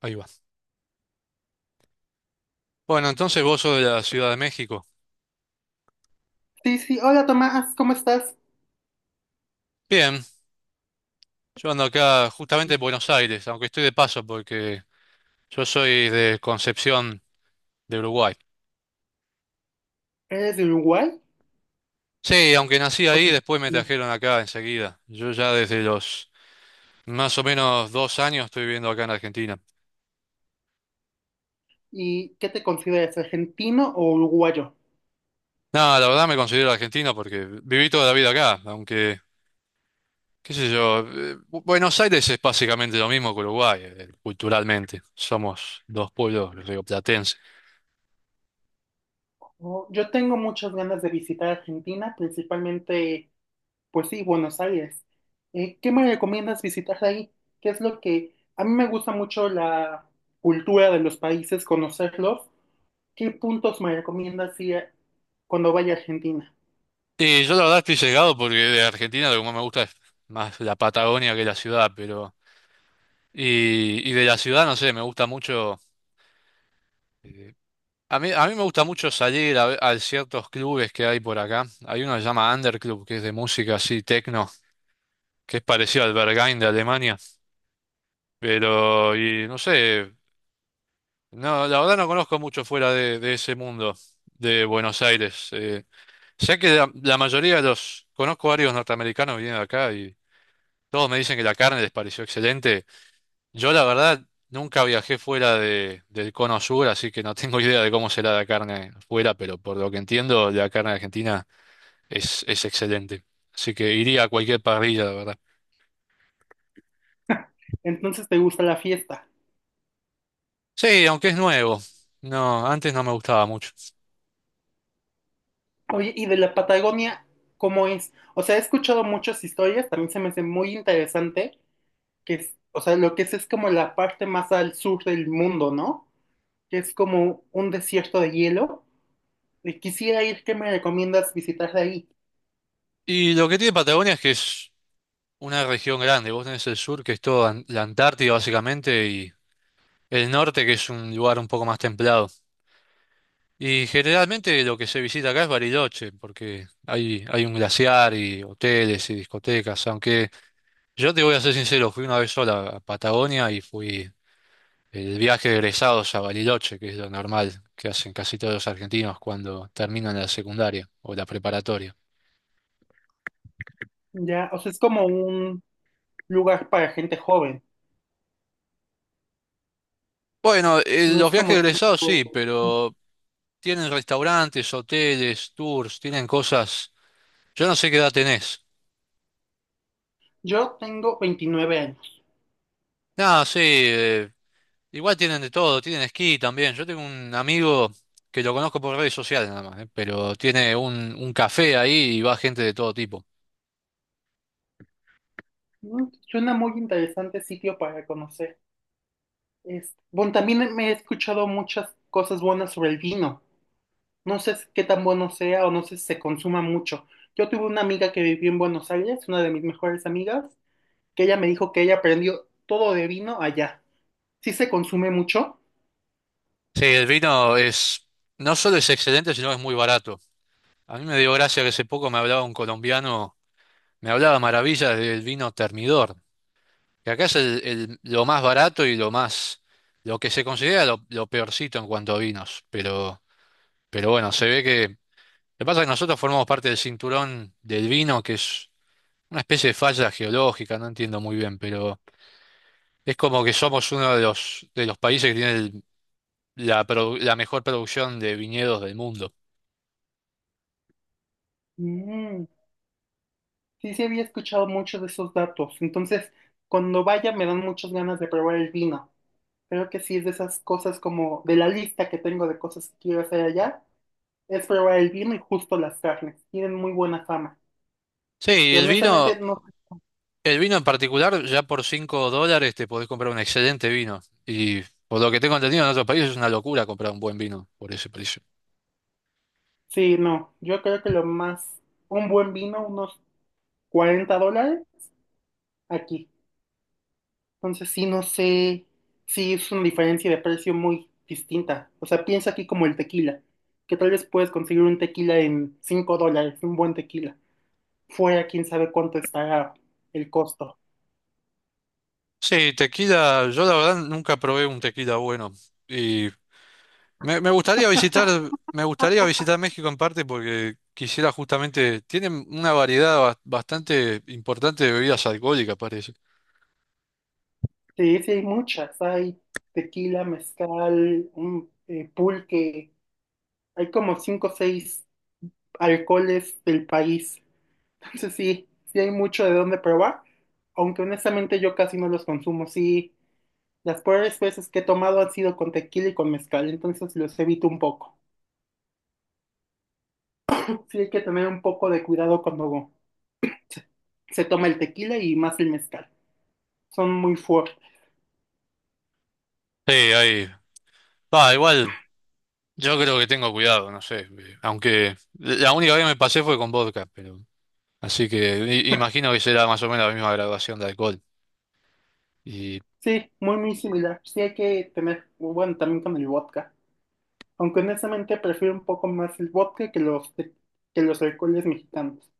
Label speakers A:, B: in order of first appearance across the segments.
A: Ahí va. Bueno, entonces vos sos de la Ciudad de México.
B: Sí, sí, hola Tomás, ¿cómo estás?
A: Bien, yo ando acá justamente en Buenos Aires, aunque estoy de paso porque yo soy de Concepción, de Uruguay.
B: ¿Eres de Uruguay
A: Sí, aunque nací
B: o
A: ahí,
B: te...
A: después me trajeron acá enseguida. Yo ya desde los más o menos 2 años estoy viviendo acá en Argentina.
B: ¿Y qué te consideras, argentino o uruguayo?
A: Nada, la verdad me considero argentino porque viví toda la vida acá, aunque, qué sé yo, Buenos Aires es básicamente lo mismo que Uruguay, culturalmente. Somos dos pueblos rioplatenses.
B: Oh, yo tengo muchas ganas de visitar Argentina, principalmente, pues sí, Buenos Aires. ¿Qué me recomiendas visitar ahí? ¿Qué es lo que... A mí me gusta mucho la cultura de los países, conocerlos. ¿Qué puntos me recomiendas ir cuando vaya a Argentina?
A: Sí, yo la verdad estoy llegado porque de Argentina lo que más me gusta es más la Patagonia que la ciudad, pero... Y de la ciudad, no sé, me gusta mucho... eh, a mí me gusta mucho salir a, a ciertos clubes que hay por acá. Hay uno que se llama Underclub, que es de música así, techno, que es parecido al Berghain de Alemania. Pero, y no sé, no, la verdad no conozco mucho fuera de ese mundo de Buenos Aires. Sé que la mayoría de los... Conozco varios norteamericanos que vienen acá. Todos me dicen que la carne les pareció excelente. Yo la verdad nunca viajé fuera del cono sur, así que no tengo idea de cómo será la carne fuera, pero por lo que entiendo, la carne argentina es excelente. Así que iría a cualquier parrilla, la verdad.
B: Entonces, ¿te gusta la fiesta?
A: Sí, aunque es nuevo. No, antes no me gustaba mucho.
B: Oye, ¿y de la Patagonia cómo es? O sea, he escuchado muchas historias, también se me hace muy interesante, que es, o sea, lo que es como la parte más al sur del mundo, ¿no? Que es como un desierto de hielo. Y quisiera ir, ¿qué me recomiendas visitar de ahí?
A: Y lo que tiene Patagonia es que es una región grande. Vos tenés el sur, que es toda la Antártida básicamente, y el norte, que es un lugar un poco más templado. Y generalmente lo que se visita acá es Bariloche, porque hay un glaciar y hoteles y discotecas. Aunque yo te voy a ser sincero, fui una vez sola a Patagonia y fui el viaje de egresados a Bariloche, que es lo normal que hacen casi todos los argentinos cuando terminan la secundaria o la preparatoria.
B: Ya, o sea, es como un lugar para gente joven,
A: Bueno,
B: no
A: los
B: es
A: viajes de
B: como...
A: egresados
B: tanto-
A: sí, pero tienen restaurantes, hoteles, tours, tienen cosas. Yo no sé qué edad tenés.
B: Yo tengo 29 años.
A: No, sí. Igual tienen de todo, tienen esquí también. Yo tengo un amigo que lo conozco por redes sociales nada más, ¿eh? Pero tiene un café ahí y va gente de todo tipo.
B: Suena muy interesante sitio para conocer. Este, bueno, también me he escuchado muchas cosas buenas sobre el vino. No sé qué tan bueno sea o no sé si se consuma mucho. Yo tuve una amiga que vivió en Buenos Aires, una de mis mejores amigas, que ella me dijo que ella aprendió todo de vino allá. ¿Sí se consume mucho?
A: Sí, el vino es no solo es excelente, sino que es muy barato. A mí me dio gracia que hace poco me hablaba un colombiano, me hablaba maravillas del vino Termidor, que acá es lo más barato y lo más, lo que se considera lo peorcito en cuanto a vinos, pero bueno, se ve que... Lo que pasa es que nosotros formamos parte del cinturón del vino, que es una especie de falla geológica, no entiendo muy bien, pero es como que somos uno de los países que tiene la mejor producción de viñedos del mundo.
B: Mm, sí, sí había escuchado mucho de esos datos. Entonces, cuando vaya me dan muchas ganas de probar el vino. Creo que sí es de esas cosas como de la lista que tengo de cosas que quiero hacer allá, es probar el vino y justo las carnes. Tienen muy buena fama.
A: Sí,
B: Que
A: el
B: honestamente
A: vino,
B: no,
A: el vino en particular, ya por $5 te podés comprar un excelente vino. Y por lo que tengo entendido en otros países es una locura comprar un buen vino por ese precio.
B: sí, no. Yo creo que lo más un buen vino, unos $40 aquí. Entonces sí, no sé, sí es una diferencia de precio muy distinta. O sea, piensa aquí como el tequila, que tal vez puedes conseguir un tequila en $5, un buen tequila. Fuera, quién sabe cuánto estará el costo.
A: Sí, tequila, yo la verdad nunca probé un tequila bueno. Y Me, me gustaría visitar, me gustaría visitar México en parte porque quisiera justamente, tienen una variedad bastante importante de bebidas alcohólicas, parece.
B: Sí, sí hay muchas, hay tequila, mezcal, un, pulque, hay como 5 o 6 alcoholes del país. Entonces sí, sí hay mucho de dónde probar, aunque honestamente yo casi no los consumo, sí. Las peores veces que he tomado han sido con tequila y con mezcal, entonces los evito un poco. Sí hay que tener un poco de cuidado cuando se toma el tequila y más el mezcal. Son muy fuertes.
A: Sí, ahí. Va, igual, yo creo que tengo cuidado, no sé. Aunque la única vez que me pasé fue con vodka, pero. Así que imagino que será más o menos la misma graduación de alcohol. Y
B: Sí, muy, muy similar. Sí hay que tener, bueno, también con el vodka. Aunque honestamente prefiero un poco más el vodka que los, te- que los alcoholes mexicanos.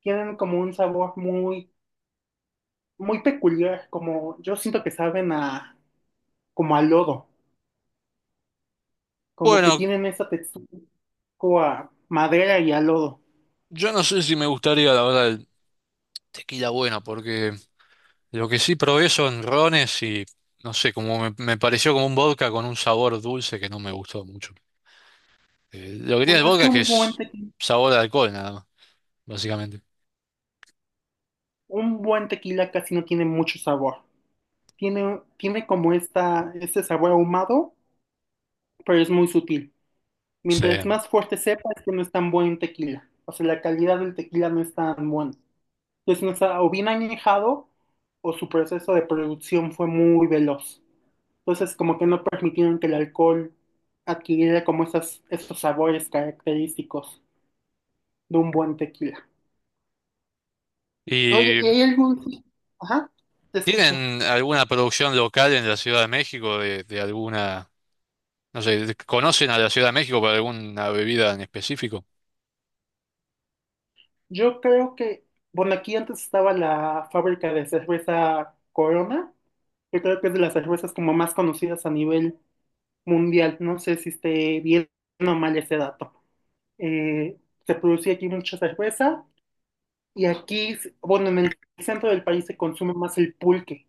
B: Tienen como un sabor muy, muy peculiar, como yo siento que saben a, como a lodo, como que
A: bueno,
B: tienen esa textura, como a madera y a lodo.
A: yo no sé si me gustaría, la verdad, el tequila bueno, porque. Lo que sí probé son rones y no sé, como me pareció como un vodka con un sabor dulce que no me gustó mucho. Lo que tiene
B: Bueno,
A: el
B: es
A: vodka
B: que
A: es que es sabor de alcohol nada más, básicamente.
B: un buen tequila casi no tiene mucho sabor. Tiene, tiene como esta, este sabor ahumado, pero es muy sutil. Mientras
A: Sí.
B: más fuerte sepa, es que no es tan buen tequila. O sea, la calidad del tequila no es tan buena. Entonces, no está o bien añejado o su proceso de producción fue muy veloz. Entonces, como que no permitieron que el alcohol adquiriera como esas, esos sabores característicos de un buen tequila. Oye,
A: ¿Y
B: ¿y hay algún... Ajá, te escucho.
A: tienen alguna producción local en la Ciudad de México de alguna, no sé, conocen a la Ciudad de México para alguna bebida en específico?
B: Yo creo que, bueno, aquí antes estaba la fábrica de cerveza Corona, que creo que es de las cervezas como más conocidas a nivel mundial. No sé si esté bien o mal ese dato. Eh, Se producía aquí mucha cerveza y aquí, s- bueno, en el centro del país se consume más el pulque,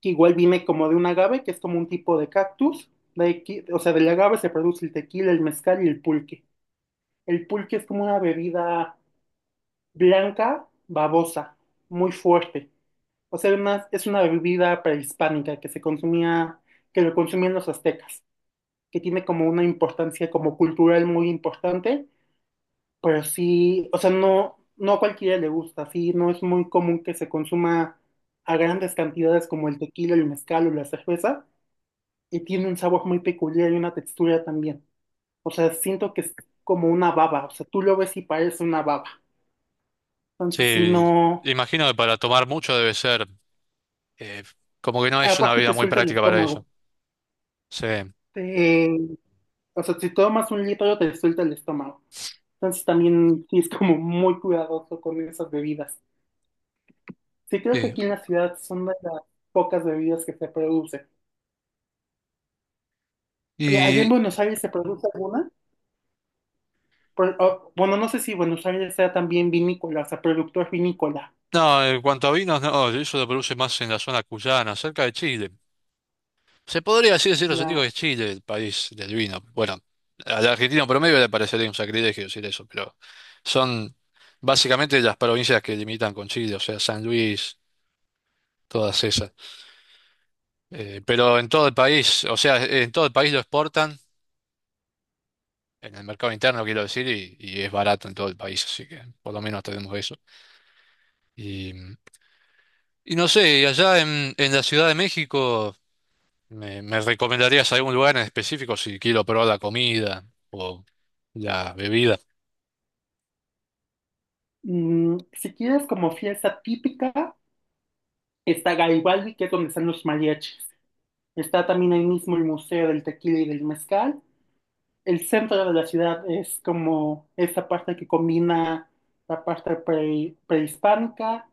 B: que igual viene como de un agave, que es como un tipo de cactus. De aquí- o sea, del agave se produce el tequila, el mezcal y el pulque. El pulque es como una bebida blanca, babosa, muy fuerte. O sea, además es una bebida prehispánica que se consumía, que lo consumían los aztecas, que tiene como una importancia como cultural muy importante, pero sí, o sea, no, no a cualquiera le gusta, sí, no es muy común que se consuma a grandes cantidades como el tequila, el mezcal o la cerveza, y tiene un sabor muy peculiar y una textura también. O sea, siento que es como una baba, o sea, tú lo ves y parece una baba. Entonces, sí,
A: Sí,
B: no.
A: imagino que para tomar mucho debe ser, eh, como que no es una
B: Aparte te
A: bebida muy
B: suelta el
A: práctica para eso.
B: estómago.
A: Sí.
B: Te- o sea, si tomas un litro te suelta el estómago. Entonces también sí es como muy cuidadoso con esas bebidas. Sí, creo que aquí en la ciudad son de las pocas bebidas que se producen. ¿Y allá en
A: Sí.
B: Buenos Aires se produce alguna? Por- o- bueno, no sé si Buenos Aires sea también vinícola, o sea, productor vinícola.
A: No, en cuanto a vinos, no, eso lo produce más en la zona cuyana, cerca de Chile. Se podría así decir los amigos
B: Ya.
A: que es Chile, el país del vino. Bueno, al argentino promedio le parecería un sacrilegio decir eso, pero son básicamente las provincias que limitan con Chile, o sea, San Luis, todas esas. Pero en todo el país, o sea, en todo el país lo exportan, en el mercado interno quiero decir, y es barato en todo el país, así que por lo menos tenemos eso. Y, y no sé, y allá en la Ciudad de México. Me recomendarías algún lugar en específico si quiero probar la comida o la bebida?
B: Mm, si quieres como fiesta típica, está Garibaldi, que es donde están los mariachis. Está también ahí mismo el Museo del Tequila y del Mezcal. El centro de la ciudad es como esa parte que combina la parte prehispánica,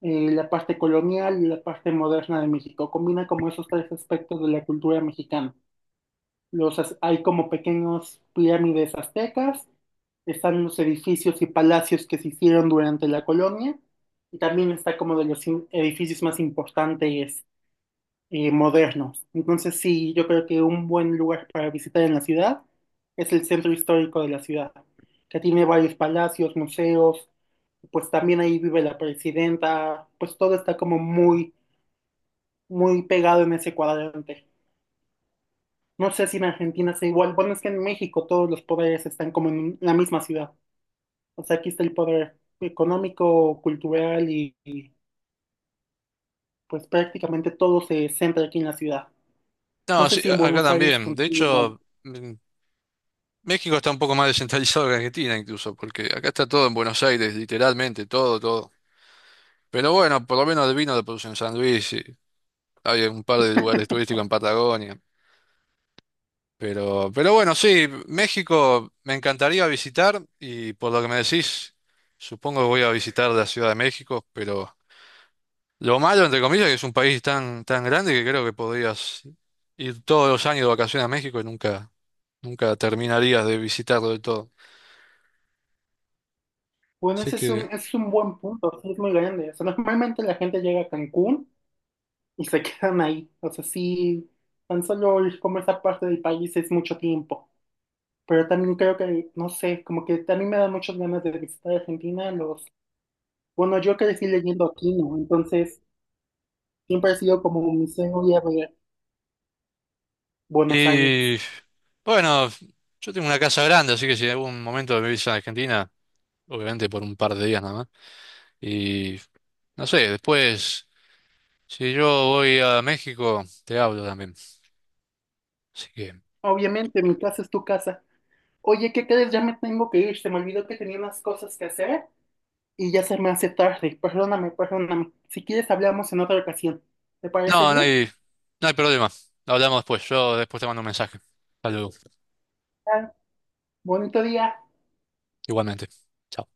B: la parte colonial y la parte moderna de México. Combina como esos tres aspectos de la cultura mexicana. Los, az- hay como pequeños pirámides aztecas, están los edificios y palacios que se hicieron durante la colonia, y también está como de los edificios más importantes modernos. Entonces sí, yo creo que un buen lugar para visitar en la ciudad es el centro histórico de la ciudad, que tiene varios palacios, museos, pues también ahí vive la presidenta, pues todo está como muy, muy pegado en ese cuadrante. No sé si en Argentina sea igual, bueno, es que en México todos los poderes están como en la misma ciudad. O sea, aquí está el poder económico, cultural y, pues prácticamente todo se centra aquí en la ciudad. No
A: No,
B: sé
A: sí,
B: si en
A: acá
B: Buenos Aires
A: también. De
B: funciona igual.
A: hecho, mm, México está un poco más descentralizado que Argentina incluso, porque acá está todo en Buenos Aires, literalmente, todo, todo. Pero bueno, por lo menos el vino lo producen en San Luis y hay un par de lugares turísticos en Patagonia. Pero bueno, sí, México me encantaría visitar y por lo que me decís, supongo que voy a visitar la Ciudad de México, pero... Lo malo, entre comillas, que es un país tan, tan grande que creo que podrías ir todos los años de vacaciones a México y nunca, nunca terminarías de visitarlo del todo.
B: Bueno,
A: Así que,
B: ese es un buen punto, sí, es muy grande. O sea, normalmente la gente llega a Cancún y se quedan ahí. O sea, sí, tan solo ir como esa parte del país es mucho tiempo. Pero también creo que, no sé, como que también me da muchas ganas de visitar Argentina. Los, bueno, yo crecí leyendo aquí, ¿no? Entonces, siempre ha sido como mi sueño ir a ver Buenos Aires.
A: y bueno, yo tengo una casa grande, así que si en algún momento me visita a Argentina, obviamente por un par de días nada más. Y no sé, después, si yo voy a México, te hablo también. Así que,
B: Obviamente, mi casa es tu casa. Oye, ¿qué crees? Ya me tengo que ir. Se me olvidó que tenía unas cosas que hacer. Y ya se me hace tarde. Perdóname, perdóname. Si quieres, hablamos en otra ocasión. ¿Te parece
A: no, no
B: bien?
A: hay, no hay problema. Hablamos después. Yo después te mando un mensaje. Hasta luego,
B: Ah, bonito día.
A: igualmente. Chao.